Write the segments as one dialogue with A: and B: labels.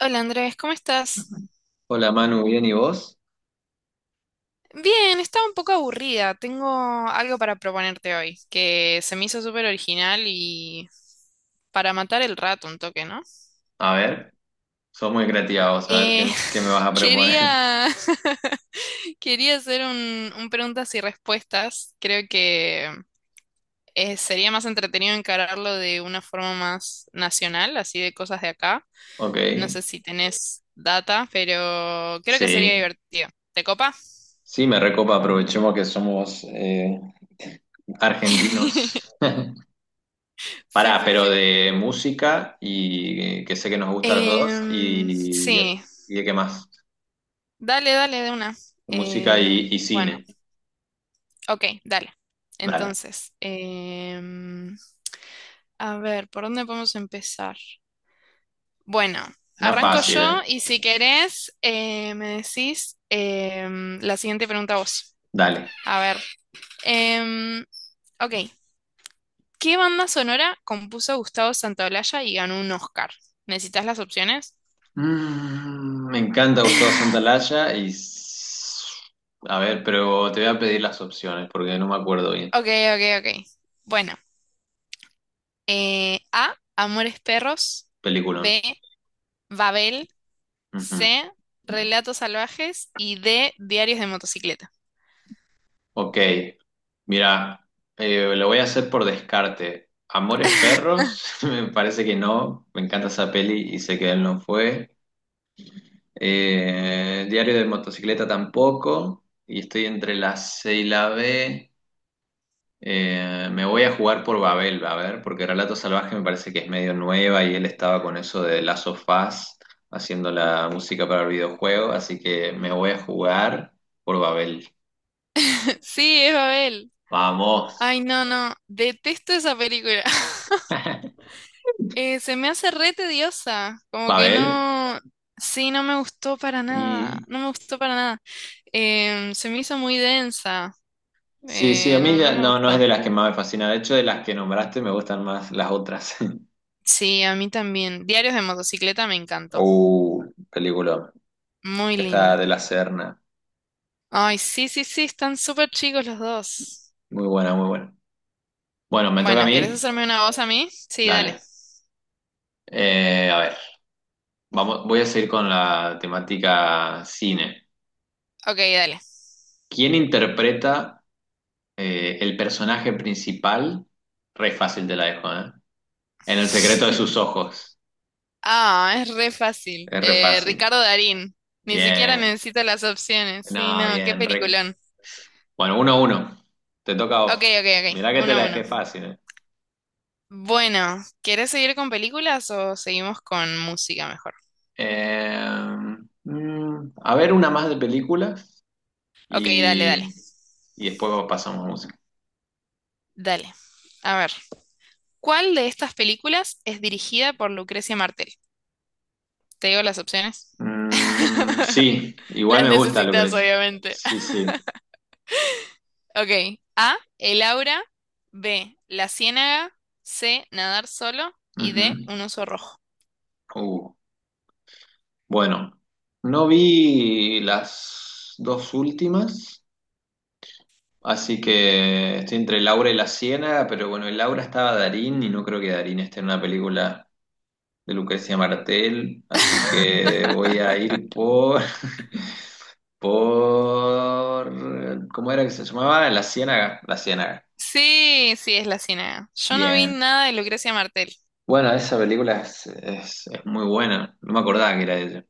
A: Hola Andrés, ¿cómo estás?
B: Ajá. Hola Manu, bien, ¿y vos?
A: Bien, estaba un poco aburrida. Tengo algo para proponerte hoy, que se me hizo súper original y para matar el rato un toque, ¿no?
B: A ver, sos muy creativa vos, a ver
A: Eh,
B: qué me vas a proponer.
A: quería, quería hacer un preguntas y respuestas. Creo que sería más entretenido encararlo de una forma más nacional, así de cosas de acá.
B: Ok,
A: No sé si tenés data, pero creo que sería
B: sí,
A: divertido. ¿Te copa?
B: sí, me recopa, aprovechemos que somos argentinos.
A: Sí,
B: Pará,
A: sí,
B: pero
A: sí.
B: de música y que sé que nos gusta a los dos
A: Sí,
B: y de qué más.
A: dale, dale de una.
B: Música
A: Eh,
B: y
A: bueno,
B: cine.
A: ok, dale.
B: Dale,
A: Entonces, a ver, ¿por dónde podemos empezar? Bueno,
B: una
A: arranco
B: fácil,
A: yo
B: ¿eh?
A: y si querés, me decís la siguiente pregunta vos.
B: Dale.
A: A ver, em, ok, ¿qué banda sonora compuso Gustavo Santaolalla y ganó un Oscar? ¿Necesitas las opciones?
B: Me encanta Gustavo Santaolalla y... A ver, pero te voy a pedir las opciones porque no me acuerdo bien.
A: Ok, ok, ok. Bueno, A, Amores Perros.
B: Peliculón.
A: B, Babel,
B: Ujú.
A: C, Relatos Salvajes y D, Diarios de Motocicleta.
B: Ok, mira, lo voy a hacer por descarte. Amores Perros, me parece que no. Me encanta esa peli y sé que él no fue. Diario de Motocicleta tampoco. Y estoy entre la C y la B. Me voy a jugar por Babel, a ver, porque Relato Salvaje me parece que es medio nueva y él estaba con eso de las sofás haciendo la música para el videojuego, así que me voy a jugar por Babel.
A: Sí, es Babel.
B: Vamos.
A: Ay, no, no, detesto esa película. Se me hace re tediosa, como que
B: Babel.
A: no, sí, no me gustó para nada,
B: Y
A: no me gustó para nada. Em, se me hizo muy densa,
B: sí, sí, a mí
A: no, no me
B: no, no es
A: gustó.
B: de las que más me fascina. De hecho, de las que nombraste me gustan más las otras.
A: Sí, a mí también. Diarios de Motocicleta me encantó,
B: Uh, película.
A: muy
B: Que está
A: linda.
B: de la Serna.
A: Ay, sí, sí, sí, están súper chicos los dos.
B: Muy buena, muy buena. Bueno, me toca a
A: Bueno, ¿querés
B: mí.
A: hacerme una voz a mí? Sí, dale.
B: Dale. A ver. Vamos, voy a seguir con la temática cine.
A: Ok, dale.
B: ¿Quién interpreta el personaje principal? Re fácil te la dejo, ¿eh? En el secreto de sus ojos.
A: Ah, es re fácil.
B: Es re fácil.
A: Ricardo Darín. Ni siquiera
B: Bien.
A: necesito las opciones. Sí,
B: No,
A: no, qué
B: bien.
A: peliculón.
B: Bueno, uno a uno. Te toca a
A: Ok,
B: vos.
A: ok,
B: Mirá
A: ok.
B: que te
A: Uno
B: la
A: a uno.
B: dejé fácil, ¿eh?
A: Bueno, ¿querés seguir con películas o seguimos con música mejor?
B: Eh, a ver, una más de películas
A: Ok, dale,
B: y,
A: dale.
B: y después pasamos a música.
A: Dale. A ver, ¿cuál de estas películas es dirigida por Lucrecia Martel? ¿Te digo las opciones?
B: Sí, igual
A: Las
B: me gusta,
A: necesitas,
B: Lucrecia.
A: obviamente.
B: Sí, sí.
A: Ok. A, El Aura. B, La Ciénaga. C, Nadar solo. Y
B: Ujú.
A: D, Un oso rojo.
B: Uh, bueno, no vi las dos últimas, así que estoy entre Laura y La Ciénaga, pero bueno, en Laura estaba Darín y no creo que Darín esté en una película de Lucrecia Martel, así que voy a ir por, ¿cómo era que se llamaba? La Ciénaga.
A: Sí, sí, es la Ciénaga. Yo no vi
B: Bien.
A: nada de Lucrecia Martel.
B: Bueno, esa película es muy buena, no me acordaba que era de ella,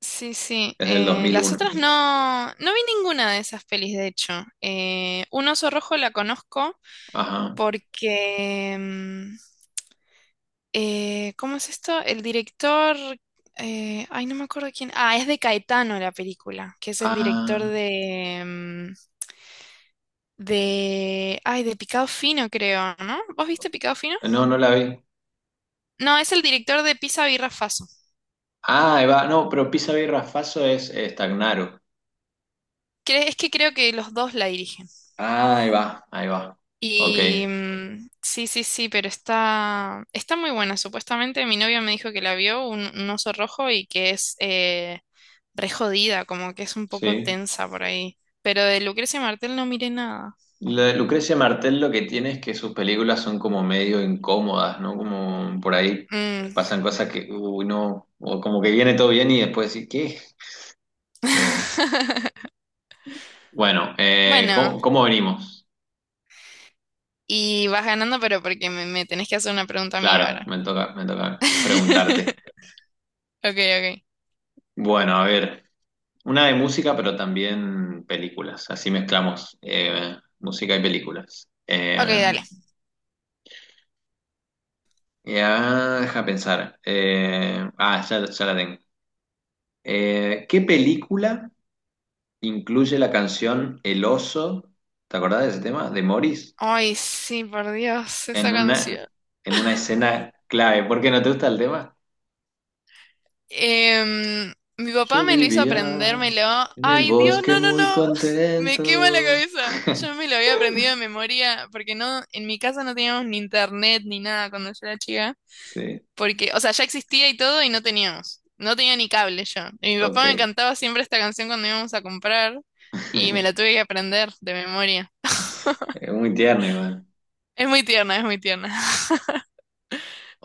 A: Sí, sí.
B: es del dos mil
A: Las
B: uno
A: otras no, no vi ninguna de esas pelis, de hecho. Un oso rojo la conozco
B: Ajá.
A: porque... ¿cómo es esto? El director... ay, no me acuerdo quién. Ah, es de Caetano la película, que es el director
B: Ah,
A: de... de... Ay, de Picado Fino, creo, ¿no? ¿Vos viste Picado Fino?
B: no, no la vi.
A: No, es el director de Pisa Birra Faso.
B: Ah, ahí va. No, pero pisa y faso es estagnaro.
A: Es que creo que los dos la dirigen.
B: Ah, ahí va, ahí va. Ok,
A: Y sí, sí, sí, pero está, está muy buena. Supuestamente mi novia me dijo que la vio, un oso rojo, y que es re jodida, como que es un poco
B: sí.
A: tensa por ahí. Pero de Lucrecia Martel no miré nada.
B: Lo de Lucrecia Martel lo que tiene es que sus películas son como medio incómodas, ¿no? Como por ahí
A: Mm.
B: pasan cosas que, uy, no, o como que viene todo bien y después decís, ¿qué? Bueno,
A: Bueno,
B: ¿cómo, cómo venimos?
A: y vas ganando, pero porque me tenés que hacer una pregunta mía
B: Claro,
A: ahora.
B: me toca preguntarte.
A: Ok, ok.
B: Bueno, a ver, una de música, pero también películas, así mezclamos música y películas.
A: Ok, dale.
B: Ya, deja pensar. Ya la tengo. ¿Qué película incluye la canción El oso? ¿Te acordás de ese tema? De Morris.
A: Ay, sí, por Dios,
B: En
A: esa
B: una,
A: canción.
B: en una escena clave. ¿Por qué no te gusta el tema?
A: Em, mi papá
B: Yo
A: me lo hizo aprender,
B: vivía
A: me lo...
B: en el
A: Ay, Dios,
B: bosque
A: no, no,
B: muy
A: no. Me quema la
B: contento.
A: cabeza. Yo me lo había aprendido de memoria porque no, en mi casa no teníamos ni internet ni nada cuando yo era chica.
B: Sí,
A: Porque, o sea, ya existía y todo y no teníamos. No tenía ni cable yo. Y mi
B: ok.
A: papá me cantaba siempre esta canción cuando íbamos a comprar y me la tuve que aprender de memoria.
B: Es muy tierno igual.
A: Es muy tierna, es muy tierna.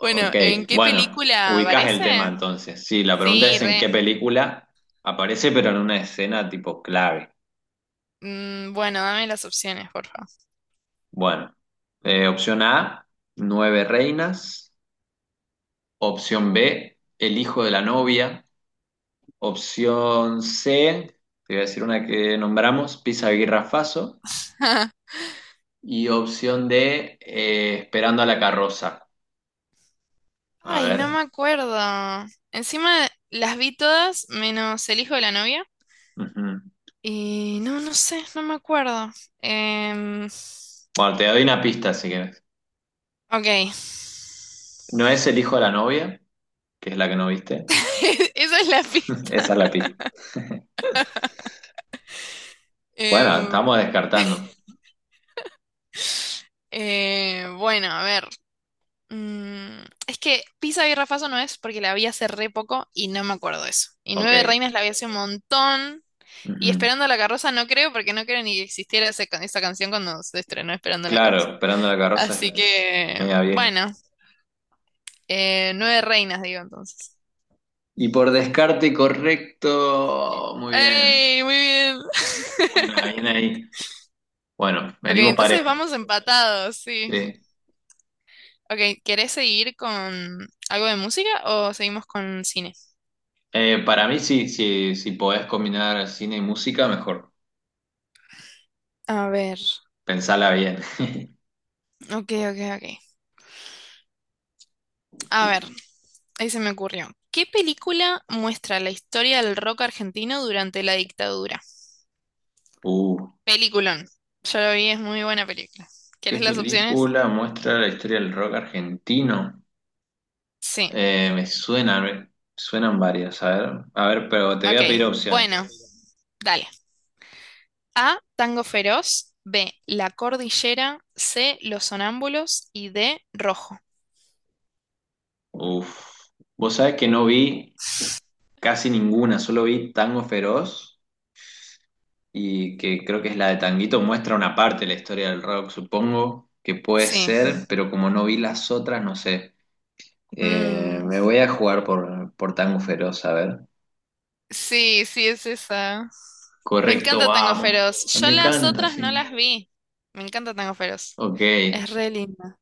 A: Bueno, ¿en qué
B: bueno,
A: película
B: ubicás el
A: aparece?
B: tema entonces. Sí, la pregunta
A: Sí,
B: es en qué
A: re.
B: película aparece, pero en una escena tipo clave.
A: Mm, bueno, dame las opciones, por favor.
B: Bueno, opción A, nueve reinas. Opción B, el hijo de la novia. Opción C, te voy a decir una que nombramos, Pisa Aguirre Faso. Y opción D, esperando a la carroza. A
A: Ay, no me
B: ver.
A: acuerdo. Encima las vi todas, menos El hijo de la novia.
B: Ujú.
A: Y no, no sé, no me acuerdo. Em, ok.
B: Bueno, te doy una pista si quieres. No es el hijo de la novia, que es la que no viste.
A: Esa es la pista.
B: Esa es la pista. Bueno, estamos
A: Em,
B: descartando.
A: bueno, a ver. Mm, es que Pisa y Rafaso no es porque la vi hace re poco y no me acuerdo de eso. Y Nueve
B: Ok.
A: Reinas la vi hace un montón. Y
B: Ujú.
A: Esperando la carroza no creo porque no creo ni que existiera esa canción cuando se estrenó Esperando la carroza.
B: Claro, esperando a la carroza
A: Así
B: es
A: que,
B: media vieja.
A: bueno, nueve reinas, digo entonces.
B: Y por descarte correcto, muy bien.
A: ¡Ey! Muy bien.
B: Bueno, bien ahí. Bueno,
A: Ok,
B: venimos parejo.
A: entonces vamos empatados, sí.
B: Sí.
A: Ok, ¿querés seguir con algo de música o seguimos con cine?
B: Para mí sí, sí, si podés combinar cine y música, mejor.
A: A ver,
B: Pensala bien.
A: ok, ok, ok. A ver, ahí se me ocurrió. ¿Qué película muestra la historia del rock argentino durante la dictadura?
B: Uh,
A: Peliculón. Yo lo vi, es muy buena película.
B: ¿qué
A: ¿Quieres las opciones?
B: película muestra la historia del rock argentino?
A: Sí,
B: Me suenan varias. A ver, pero te voy a pedir
A: ok.
B: opciones.
A: Bueno, dale. A. Tango Feroz. B. La Cordillera. C. Los Sonámbulos. Y D. Rojo.
B: Uf. Vos sabés que no vi casi ninguna, solo vi Tango Feroz y que creo que es la de Tanguito, muestra una parte de la historia del rock, supongo que puede
A: Sí.
B: ser, pero como no vi las otras, no sé.
A: Mm,
B: Me voy a jugar por Tango Feroz, a ver.
A: sí, sí, es esa. Me
B: Correcto,
A: encanta Tango
B: vamos.
A: Feroz. Yo
B: Me
A: las
B: encanta,
A: otras no
B: sí.
A: las vi. Me encanta Tango Feroz.
B: Ok.
A: Es re linda.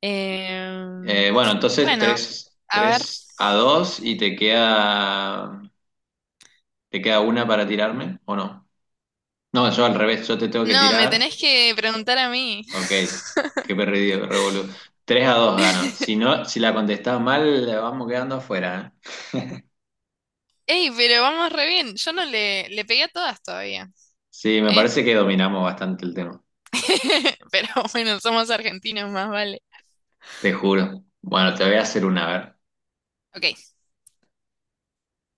A: Em,
B: Bueno, entonces
A: bueno, a ver.
B: tres a 2 y te queda una para tirarme, ¿o no? No, yo al revés, yo te tengo que
A: No, me
B: tirar.
A: tenés que preguntar a mí.
B: Ok, qué perdido, revolú. 3 a 2 gano. Si no, si la contestás mal, vamos quedando afuera, ¿eh?
A: Ey, pero vamos re bien. Yo no le, le pegué a todas todavía.
B: Sí, me
A: ¿Eh?
B: parece que dominamos bastante el tema.
A: Pero bueno, somos argentinos, más vale.
B: Te juro. Bueno, te voy a hacer una, a ver.
A: Ok.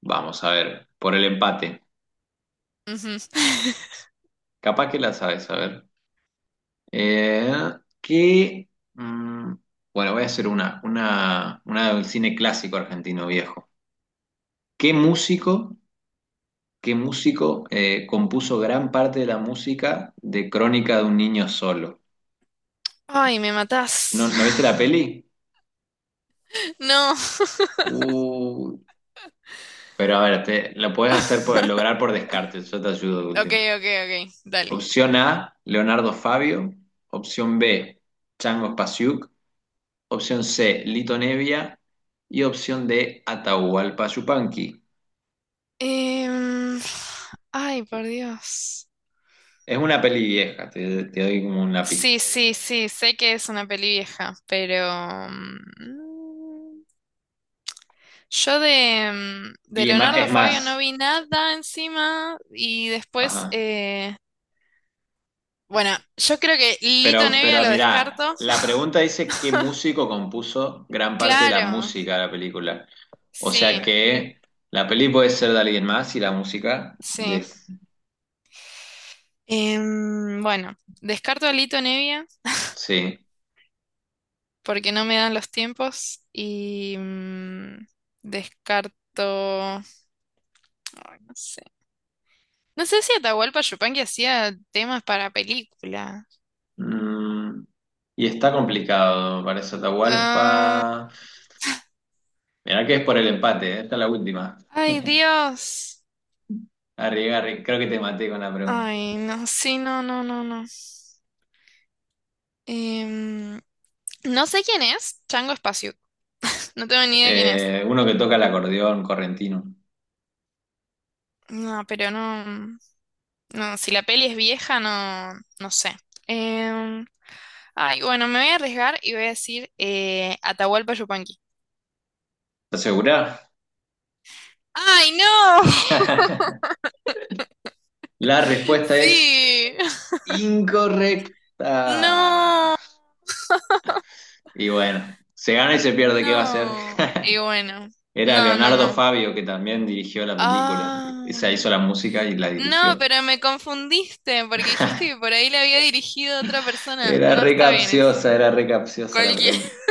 B: Vamos a ver. Por el empate.
A: Ujú.
B: Capaz que la sabes, a ver. Eh, ¿qué? mm, bueno, voy a hacer una del cine clásico argentino viejo. ¿Qué músico, ¿qué músico compuso gran parte de la música de Crónica de un niño solo?
A: Ay, me matás.
B: ¿No, no viste la peli?
A: No.
B: Uh, pero a ver, lo puedes hacer lograr por descarte, yo te ayudo de
A: Ok,
B: última.
A: ok, ok. Dale.
B: Opción A, Leonardo Fabio. Opción B, Chango Spasiuk. Opción C, Lito Nevia. Y opción D, Atahualpa Yupanqui.
A: Em, ay, por Dios.
B: Es una peli vieja, te doy como una pista.
A: Sí, sí, sí. Sé que es una peli vieja, pero... yo de, de Leonardo
B: Es
A: Fabio no
B: más,
A: vi nada encima y después...
B: ajá.
A: bueno, yo creo que Lito Nevia
B: Pero
A: lo
B: mira,
A: descarto.
B: la pregunta dice qué músico compuso gran parte de la
A: Claro,
B: música de la película. O sea
A: sí,
B: que la peli puede ser de alguien más y la música
A: sí.
B: de...
A: Em, bueno, descarto a Lito Nevia.
B: Sí.
A: Porque no me dan los tiempos y descarto, no sé. No sé si Atahualpa Yupanqui hacía temas para película.
B: Mm, y está complicado para eso,
A: Ah,
B: Atahualpa. Mirá que es por el empate, ¿eh? Esta es la última.
A: ay, Dios.
B: Arri, creo que te maté con la pregunta.
A: Ay, no, sí, no, no, no, no. Em, no sé quién es Chango Espacio. No tengo ni idea quién es.
B: Uno que toca el acordeón correntino.
A: No, pero no, no, si la peli es vieja, no, no sé. Em, ay, bueno, me voy a arriesgar y voy a decir Atahualpa Yupanqui.
B: ¿Estás segura?
A: ¡Ay, no!
B: La respuesta es
A: Sí.
B: incorrecta.
A: No,
B: Y bueno, se gana y se pierde, ¿qué va a hacer?
A: no. Y bueno,
B: Era
A: no, no,
B: Leonardo
A: no.
B: Fabio que también dirigió la película. O
A: Ah,
B: sea, hizo la música y la
A: no,
B: dirigió.
A: pero me confundiste porque dijiste que por ahí le había dirigido a otra persona. No está bien eso.
B: Era re capciosa la
A: Cualquier.
B: pregunta.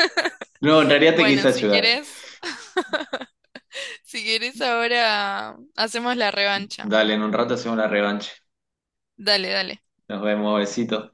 B: No, en realidad te quise
A: Bueno, si
B: ayudar.
A: quieres, si quieres ahora hacemos la revancha.
B: Dale, en un rato hacemos la revancha.
A: Dale, dale.
B: Nos vemos, besito